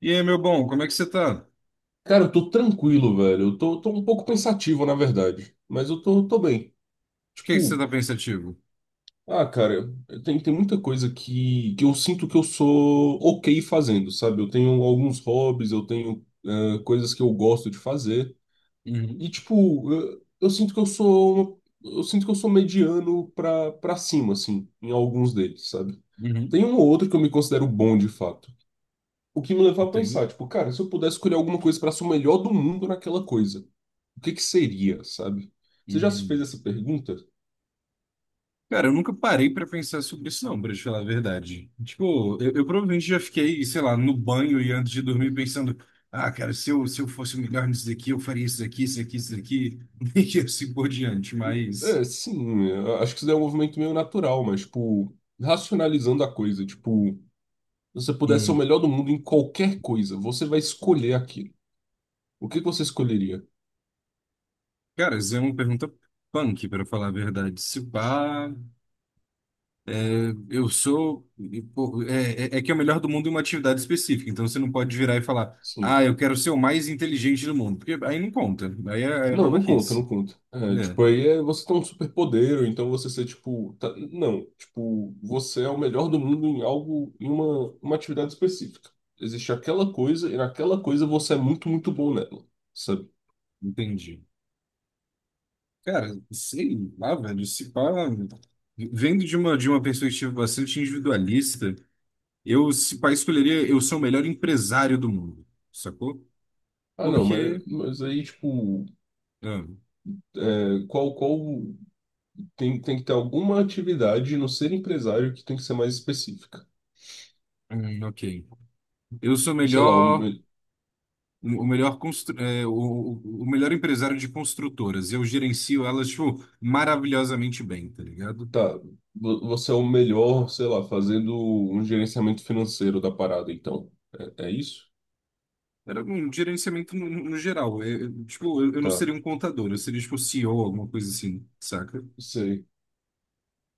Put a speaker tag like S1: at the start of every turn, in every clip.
S1: E aí, meu bom, como é que você tá? Por
S2: Cara, eu tô tranquilo, velho. Eu tô um pouco pensativo, na verdade. Mas eu tô bem.
S1: que que você
S2: Tipo,
S1: tá pensativo?
S2: ah, cara, tem muita coisa que eu sinto que eu sou ok fazendo, sabe? Eu tenho alguns hobbies, eu tenho coisas que eu gosto de fazer. E,
S1: Uhum,
S2: tipo, eu sinto que eu sou, eu sinto que eu sou mediano pra cima, assim, em alguns deles, sabe?
S1: uhum,
S2: Tem um ou outro que eu me considero bom de fato. O que me leva a
S1: entendo.
S2: pensar, tipo, cara, se eu pudesse escolher alguma coisa pra ser o melhor do mundo naquela coisa. O que que seria, sabe? Você já se fez
S1: Uhum.
S2: essa pergunta?
S1: Cara, eu nunca parei pra pensar sobre isso, não, pra te falar a verdade. Tipo, eu provavelmente já fiquei, sei lá, no banho e antes de dormir pensando: ah, cara, se eu fosse o melhor nisso daqui, eu faria isso daqui, isso aqui, isso daqui, e assim por diante.
S2: É, sim, eu acho que isso daí é um movimento meio natural, mas, tipo, racionalizando a coisa, tipo, se você pudesse ser o
S1: Hum,
S2: melhor do mundo em qualquer coisa, você vai escolher aquilo. O que que você escolheria?
S1: Cara, isso é uma pergunta punk, pra falar a verdade. Se pá. É, eu sou. E, pô, é, é é que é o melhor do mundo em uma atividade específica. Então você não pode virar e falar, ah,
S2: Sim.
S1: eu quero ser o mais inteligente do mundo. Porque aí não conta. Aí é
S2: Não, não conta, não
S1: babaquice.
S2: conta. É,
S1: Né?
S2: tipo, aí é você ter um superpoder, ou então você ser, tipo, tá- não, tipo, você é o melhor do mundo em algo, em uma atividade específica. Existe aquela coisa, e naquela coisa você é muito, muito bom nela. Sabe?
S1: Entendi. Cara, sei lá, velho. Se pá, vendo de uma perspectiva bastante individualista, eu, se pá, escolheria, eu sou o melhor empresário do mundo. Sacou?
S2: Ah, não,
S1: Porque.
S2: mas aí, tipo,
S1: ah,
S2: é, qual tem que ter alguma atividade no ser empresário que tem que ser mais específica.
S1: ok. Eu sou o
S2: Sei lá,
S1: melhor.
S2: um,
S1: O melhor empresário de construtoras. E eu gerencio elas, tipo, maravilhosamente bem, tá ligado?
S2: tá, você é o melhor, sei lá, fazendo um gerenciamento financeiro da parada, então. É, é isso?
S1: Era um gerenciamento geral. É, tipo, eu não
S2: Tá,
S1: seria um contador, eu seria, tipo, CEO, alguma coisa assim, saca?
S2: sei.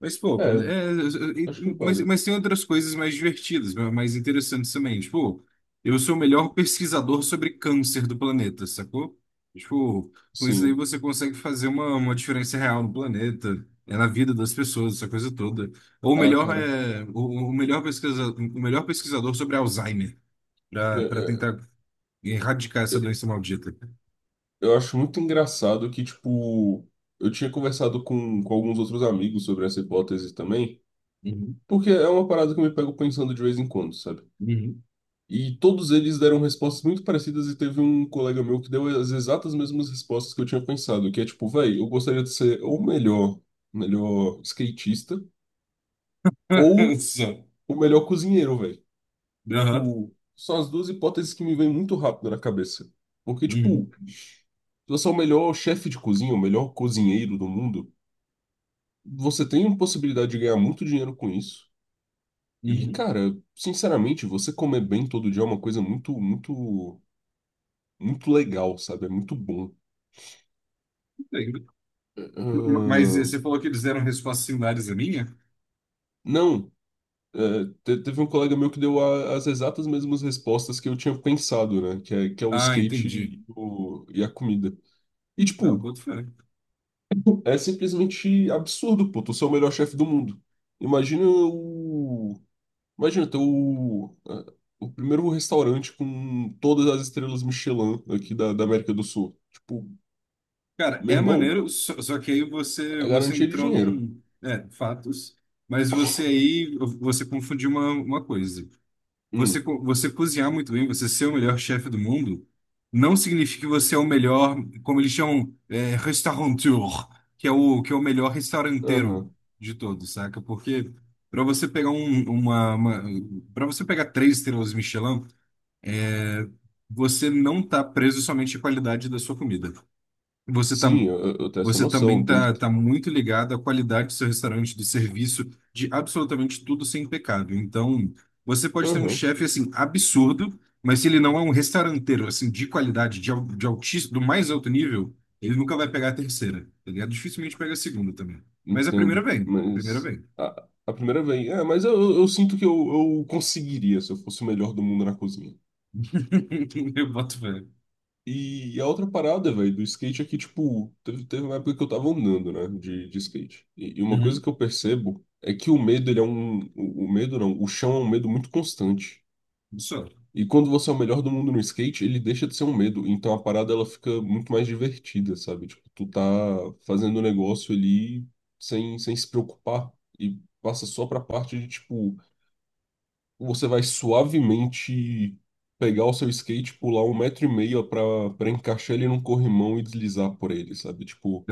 S1: Mas, pô,
S2: É,
S1: é, é, é,
S2: acho que
S1: mas,
S2: vale.
S1: tem outras coisas mais divertidas, mais interessantes também. Tipo, eu sou o melhor pesquisador sobre câncer do planeta, sacou? Tipo, com isso aí
S2: Sim.
S1: você consegue fazer uma diferença real no planeta, é na vida das pessoas, essa coisa toda. Ou
S2: Ah,
S1: melhor
S2: cara.
S1: é o melhor pesquisador, o melhor pesquisador sobre Alzheimer,
S2: É,
S1: para
S2: é,
S1: tentar erradicar
S2: é,
S1: essa doença maldita.
S2: eu acho muito engraçado que, tipo, eu tinha conversado com alguns outros amigos sobre essa hipótese também.
S1: Uhum,
S2: Porque é uma parada que eu me pego pensando de vez em quando, sabe?
S1: uhum.
S2: E todos eles deram respostas muito parecidas e teve um colega meu que deu as exatas mesmas respostas que eu tinha pensado, que é tipo, véi, eu gostaria de ser ou o melhor, melhor skatista ou
S1: Só.
S2: o melhor cozinheiro, véi.
S1: Aham.
S2: Tipo, são as duas hipóteses que me vêm muito rápido na cabeça. Porque, tipo,
S1: Uhum,
S2: se você é o melhor chefe de cozinha, o melhor cozinheiro do mundo, você tem uma possibilidade de ganhar muito dinheiro com isso. E, cara, sinceramente, você comer bem todo dia é uma coisa muito, muito, muito legal, sabe? É muito bom.
S1: uhum. Mas
S2: Ahn,
S1: você falou que eles deram respostas similares à minha?
S2: não, é, teve um colega meu que deu as exatas mesmas respostas que eu tinha pensado, né? Que é o
S1: Ah,
S2: skate
S1: entendi.
S2: e, e a comida. E,
S1: Não,
S2: tipo,
S1: boto fé.
S2: é simplesmente absurdo, pô. Tu ser o melhor chefe do mundo. Imagina o. Imagina ter o. É, o primeiro restaurante com todas as estrelas Michelin aqui da, da América do Sul. Tipo,
S1: Cara,
S2: meu
S1: é
S2: irmão,
S1: maneiro, só que aí
S2: é
S1: você
S2: garantia de
S1: entrou
S2: dinheiro.
S1: num... É, fatos. Mas você aí, você confundiu uma coisa. Você,
S2: Hum,
S1: você cozinhar muito bem, você ser o melhor chefe do mundo, não significa que você é o melhor, como eles chamam, é, restaurateur, que é o melhor restauranteiro
S2: aham.
S1: de todos, saca? Porque para você pegar um, uma, uma para você pegar três estrelas Michelin, você não está preso somente à qualidade da sua comida. Você tá,
S2: Sim, eu tenho essa
S1: você também
S2: noção, tem
S1: está tá
S2: que.
S1: tá muito ligado à qualidade do seu restaurante, do serviço, de absolutamente tudo ser impecável. Então, você pode ter um
S2: Aham,
S1: chefe assim absurdo, mas se ele não é um restauranteiro assim de qualidade, de altíssimo, do mais alto nível, ele nunca vai pegar a terceira. Tá ligado? Dificilmente pega a segunda também. Mas a primeira
S2: entendo.
S1: vem, a primeira
S2: Mas
S1: vem.
S2: a primeira vez. É, mas eu sinto que eu conseguiria se eu fosse o melhor do mundo na cozinha.
S1: Eu boto fé.
S2: E a outra parada, velho, do skate é que, tipo, teve uma época que eu tava andando, né, de skate. E uma coisa que
S1: Uhum.
S2: eu percebo é que o medo, ele é um. O medo não, o chão é um medo muito constante.
S1: Só.
S2: E quando você é o melhor do mundo no skate, ele deixa de ser um medo. Então a parada ela fica muito mais divertida, sabe? Tipo, tu tá fazendo o negócio ali sem, sem se preocupar. E passa só pra parte de, tipo, você vai suavemente pegar o seu skate, pular 1,5 m pra, pra encaixar ele num corrimão e deslizar por ele, sabe? Tipo,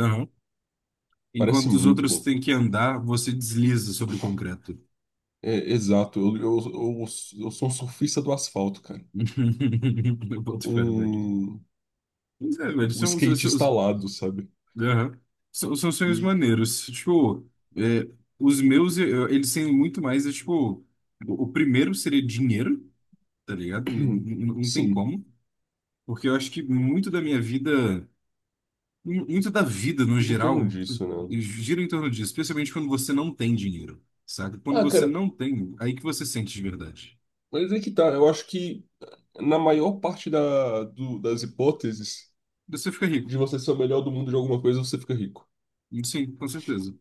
S2: parece
S1: Enquanto os
S2: muito
S1: outros
S2: bom.
S1: têm que andar, você desliza sobre o concreto.
S2: É, exato. Eu sou um surfista do asfalto, cara.
S1: Eu boto fé, velho.
S2: Um,
S1: Mas é, velho,
S2: um skatista alado, sabe?
S1: aham. São sonhos
S2: E,
S1: maneiros. Tipo, é, os meus, eles têm muito mais, é, tipo, o primeiro seria dinheiro, tá ligado? Não,
S2: hum,
S1: não tem
S2: sim,
S1: como. Porque eu acho que muito da minha vida, muito da vida no
S2: fica em torno
S1: geral,
S2: disso, né?
S1: gira em torno disso, especialmente quando você não tem dinheiro, sabe? Quando
S2: Ah,
S1: você
S2: cara,
S1: não tem, aí que você sente de verdade.
S2: mas é que tá. Eu acho que na maior parte da, das hipóteses
S1: Você fica rico.
S2: de você ser o melhor do mundo de alguma coisa, você fica rico.
S1: Sim, com certeza.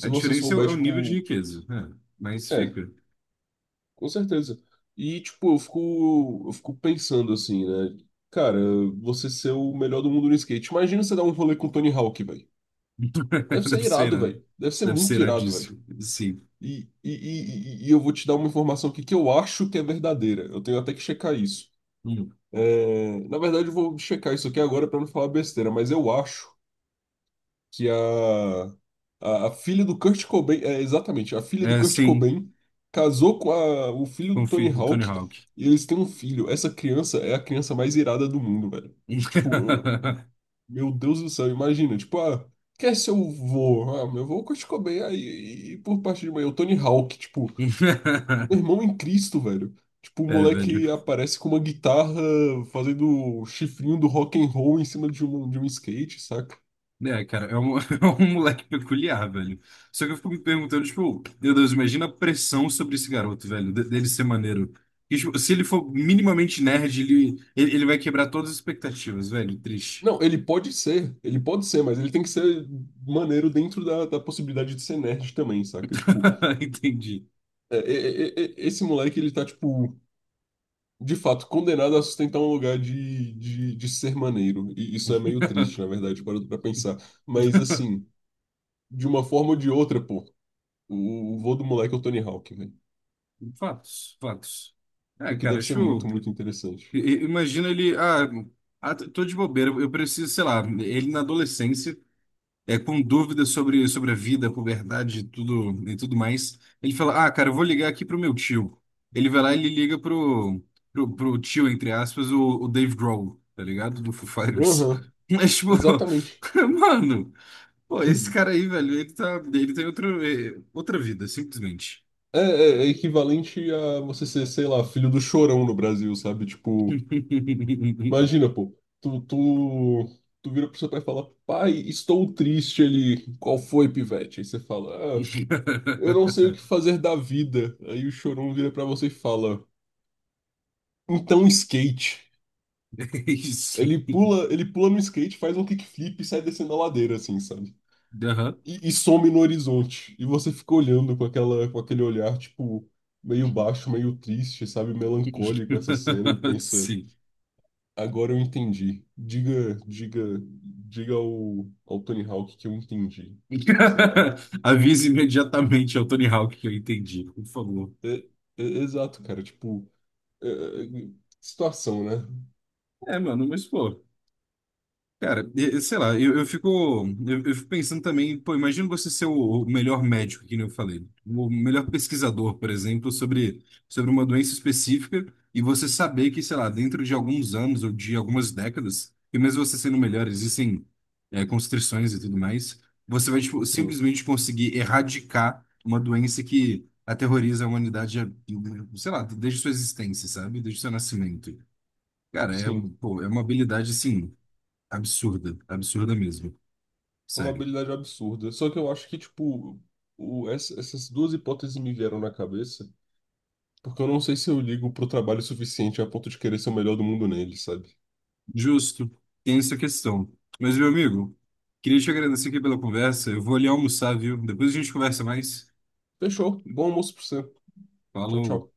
S1: A
S2: você
S1: diferença é
S2: souber,
S1: o nível de
S2: tipo,
S1: riqueza, é, mas
S2: é,
S1: fica.
S2: com certeza. E, tipo, eu fico pensando assim, né? Cara, você ser o melhor do mundo no skate. Imagina você dar um rolê com o Tony Hawk, velho. Deve ser
S1: Deve ser
S2: irado,
S1: irado.
S2: velho. Deve ser
S1: Deve ser
S2: muito irado, velho.
S1: iradíssimo. Sim.
S2: E eu vou te dar uma informação aqui que eu acho que é verdadeira. Eu tenho até que checar isso.
S1: Hum.
S2: É, na verdade, eu vou checar isso aqui agora para não falar besteira, mas eu acho que a filha do Kurt Cobain, é, exatamente, a filha do
S1: É,
S2: Kurt
S1: sim,
S2: Cobain casou com o filho do
S1: confio
S2: Tony
S1: do Tony
S2: Hawk
S1: Hawk.
S2: e eles têm um filho. Essa criança é a criança mais irada do mundo, velho. Tipo, meu Deus do céu, imagina, tipo, ah, quer ser o vô? Ah, meu vô é o Kurt Cobain, aí, e por parte de mãe, é o Tony Hawk, tipo, meu Irmão em Cristo, velho. Tipo, o
S1: É, velho.
S2: moleque aparece com uma guitarra fazendo o chifrinho do rock and roll em cima de um skate, saca?
S1: É, cara, é um, é um moleque peculiar, velho. Só que eu fico me perguntando, tipo, meu Deus, imagina a pressão sobre esse garoto, velho, dele ser maneiro. E, tipo, se ele for minimamente nerd, ele vai quebrar todas as expectativas, velho. Triste.
S2: Não, ele pode ser, mas ele tem que ser maneiro dentro da, da possibilidade de ser nerd também, saca? Tipo,
S1: Entendi.
S2: esse moleque, ele tá, tipo, de fato, condenado a sustentar um lugar de ser maneiro. E isso é meio triste, na verdade, parando pra pensar. Mas, assim, de uma forma ou de outra, pô, o vô do moleque é o Tony Hawk, velho.
S1: Fatos, fatos. É,
S2: O que
S1: cara,
S2: deve ser
S1: acho.
S2: muito, muito interessante.
S1: Imagina ele. Ah, ah, tô de bobeira, eu preciso, sei lá, ele na adolescência, é com dúvidas sobre, sobre a vida, a puberdade e tudo mais. Ele fala: Ah, cara, eu vou ligar aqui pro meu tio. Ele vai lá e ele liga pro tio, entre aspas, o Dave Grohl, tá ligado? Do Foo Fighters.
S2: Aham,
S1: Mas, tipo,
S2: exatamente.
S1: mano, pô, esse cara aí, velho, ele tem outra, outra vida, simplesmente.
S2: É equivalente a você ser, sei lá, filho do Chorão no Brasil, sabe? Tipo, imagina, pô, tu vira pro seu pai e fala, pai, estou triste. Ele, qual foi, pivete? Aí você fala, ah, eu não sei o que fazer da vida. Aí o Chorão vira pra você e fala, então skate.
S1: Isso.
S2: Ele pula no skate, faz um kickflip e sai descendo a ladeira, assim, sabe?
S1: Aham.
S2: E, e some no horizonte. E você fica olhando com aquela, com aquele olhar, tipo, meio baixo, meio triste, sabe, melancólico essa cena e pensa,
S1: Sim.
S2: agora eu entendi. Diga ao, ao Tony Hawk que eu entendi. Sei lá.
S1: Avise imediatamente ao Tony Hawk que eu entendi, por favor.
S2: É- Exato, cara, tipo, é- é- situação, né?
S1: É, mano, mas pô. Cara, e sei lá, eu, fico pensando também, pô, imagina você ser o melhor médico, que nem eu falei, o melhor pesquisador, por exemplo, sobre, sobre uma doença específica, e você saber que, sei lá, dentro de alguns anos ou de algumas décadas, e mesmo você sendo o melhor, existem, é, constrições e tudo mais, você vai, tipo,
S2: Sim.
S1: simplesmente conseguir erradicar uma doença que aterroriza a humanidade, sei lá, desde sua existência, sabe? Desde seu nascimento. Cara, é,
S2: Sim,
S1: pô, é uma habilidade, assim absurda, absurda mesmo.
S2: é uma
S1: Sério.
S2: habilidade absurda. Só que eu acho que, tipo, o, essas duas hipóteses me vieram na cabeça, porque eu não sei se eu ligo pro trabalho suficiente a ponto de querer ser o melhor do mundo nele, sabe?
S1: Justo. Tem essa questão. Mas, meu amigo, queria te agradecer aqui pela conversa. Eu vou ali almoçar, viu? Depois a gente conversa mais.
S2: Fechou. Bom almoço pra você. Tchau,
S1: Falou.
S2: tchau.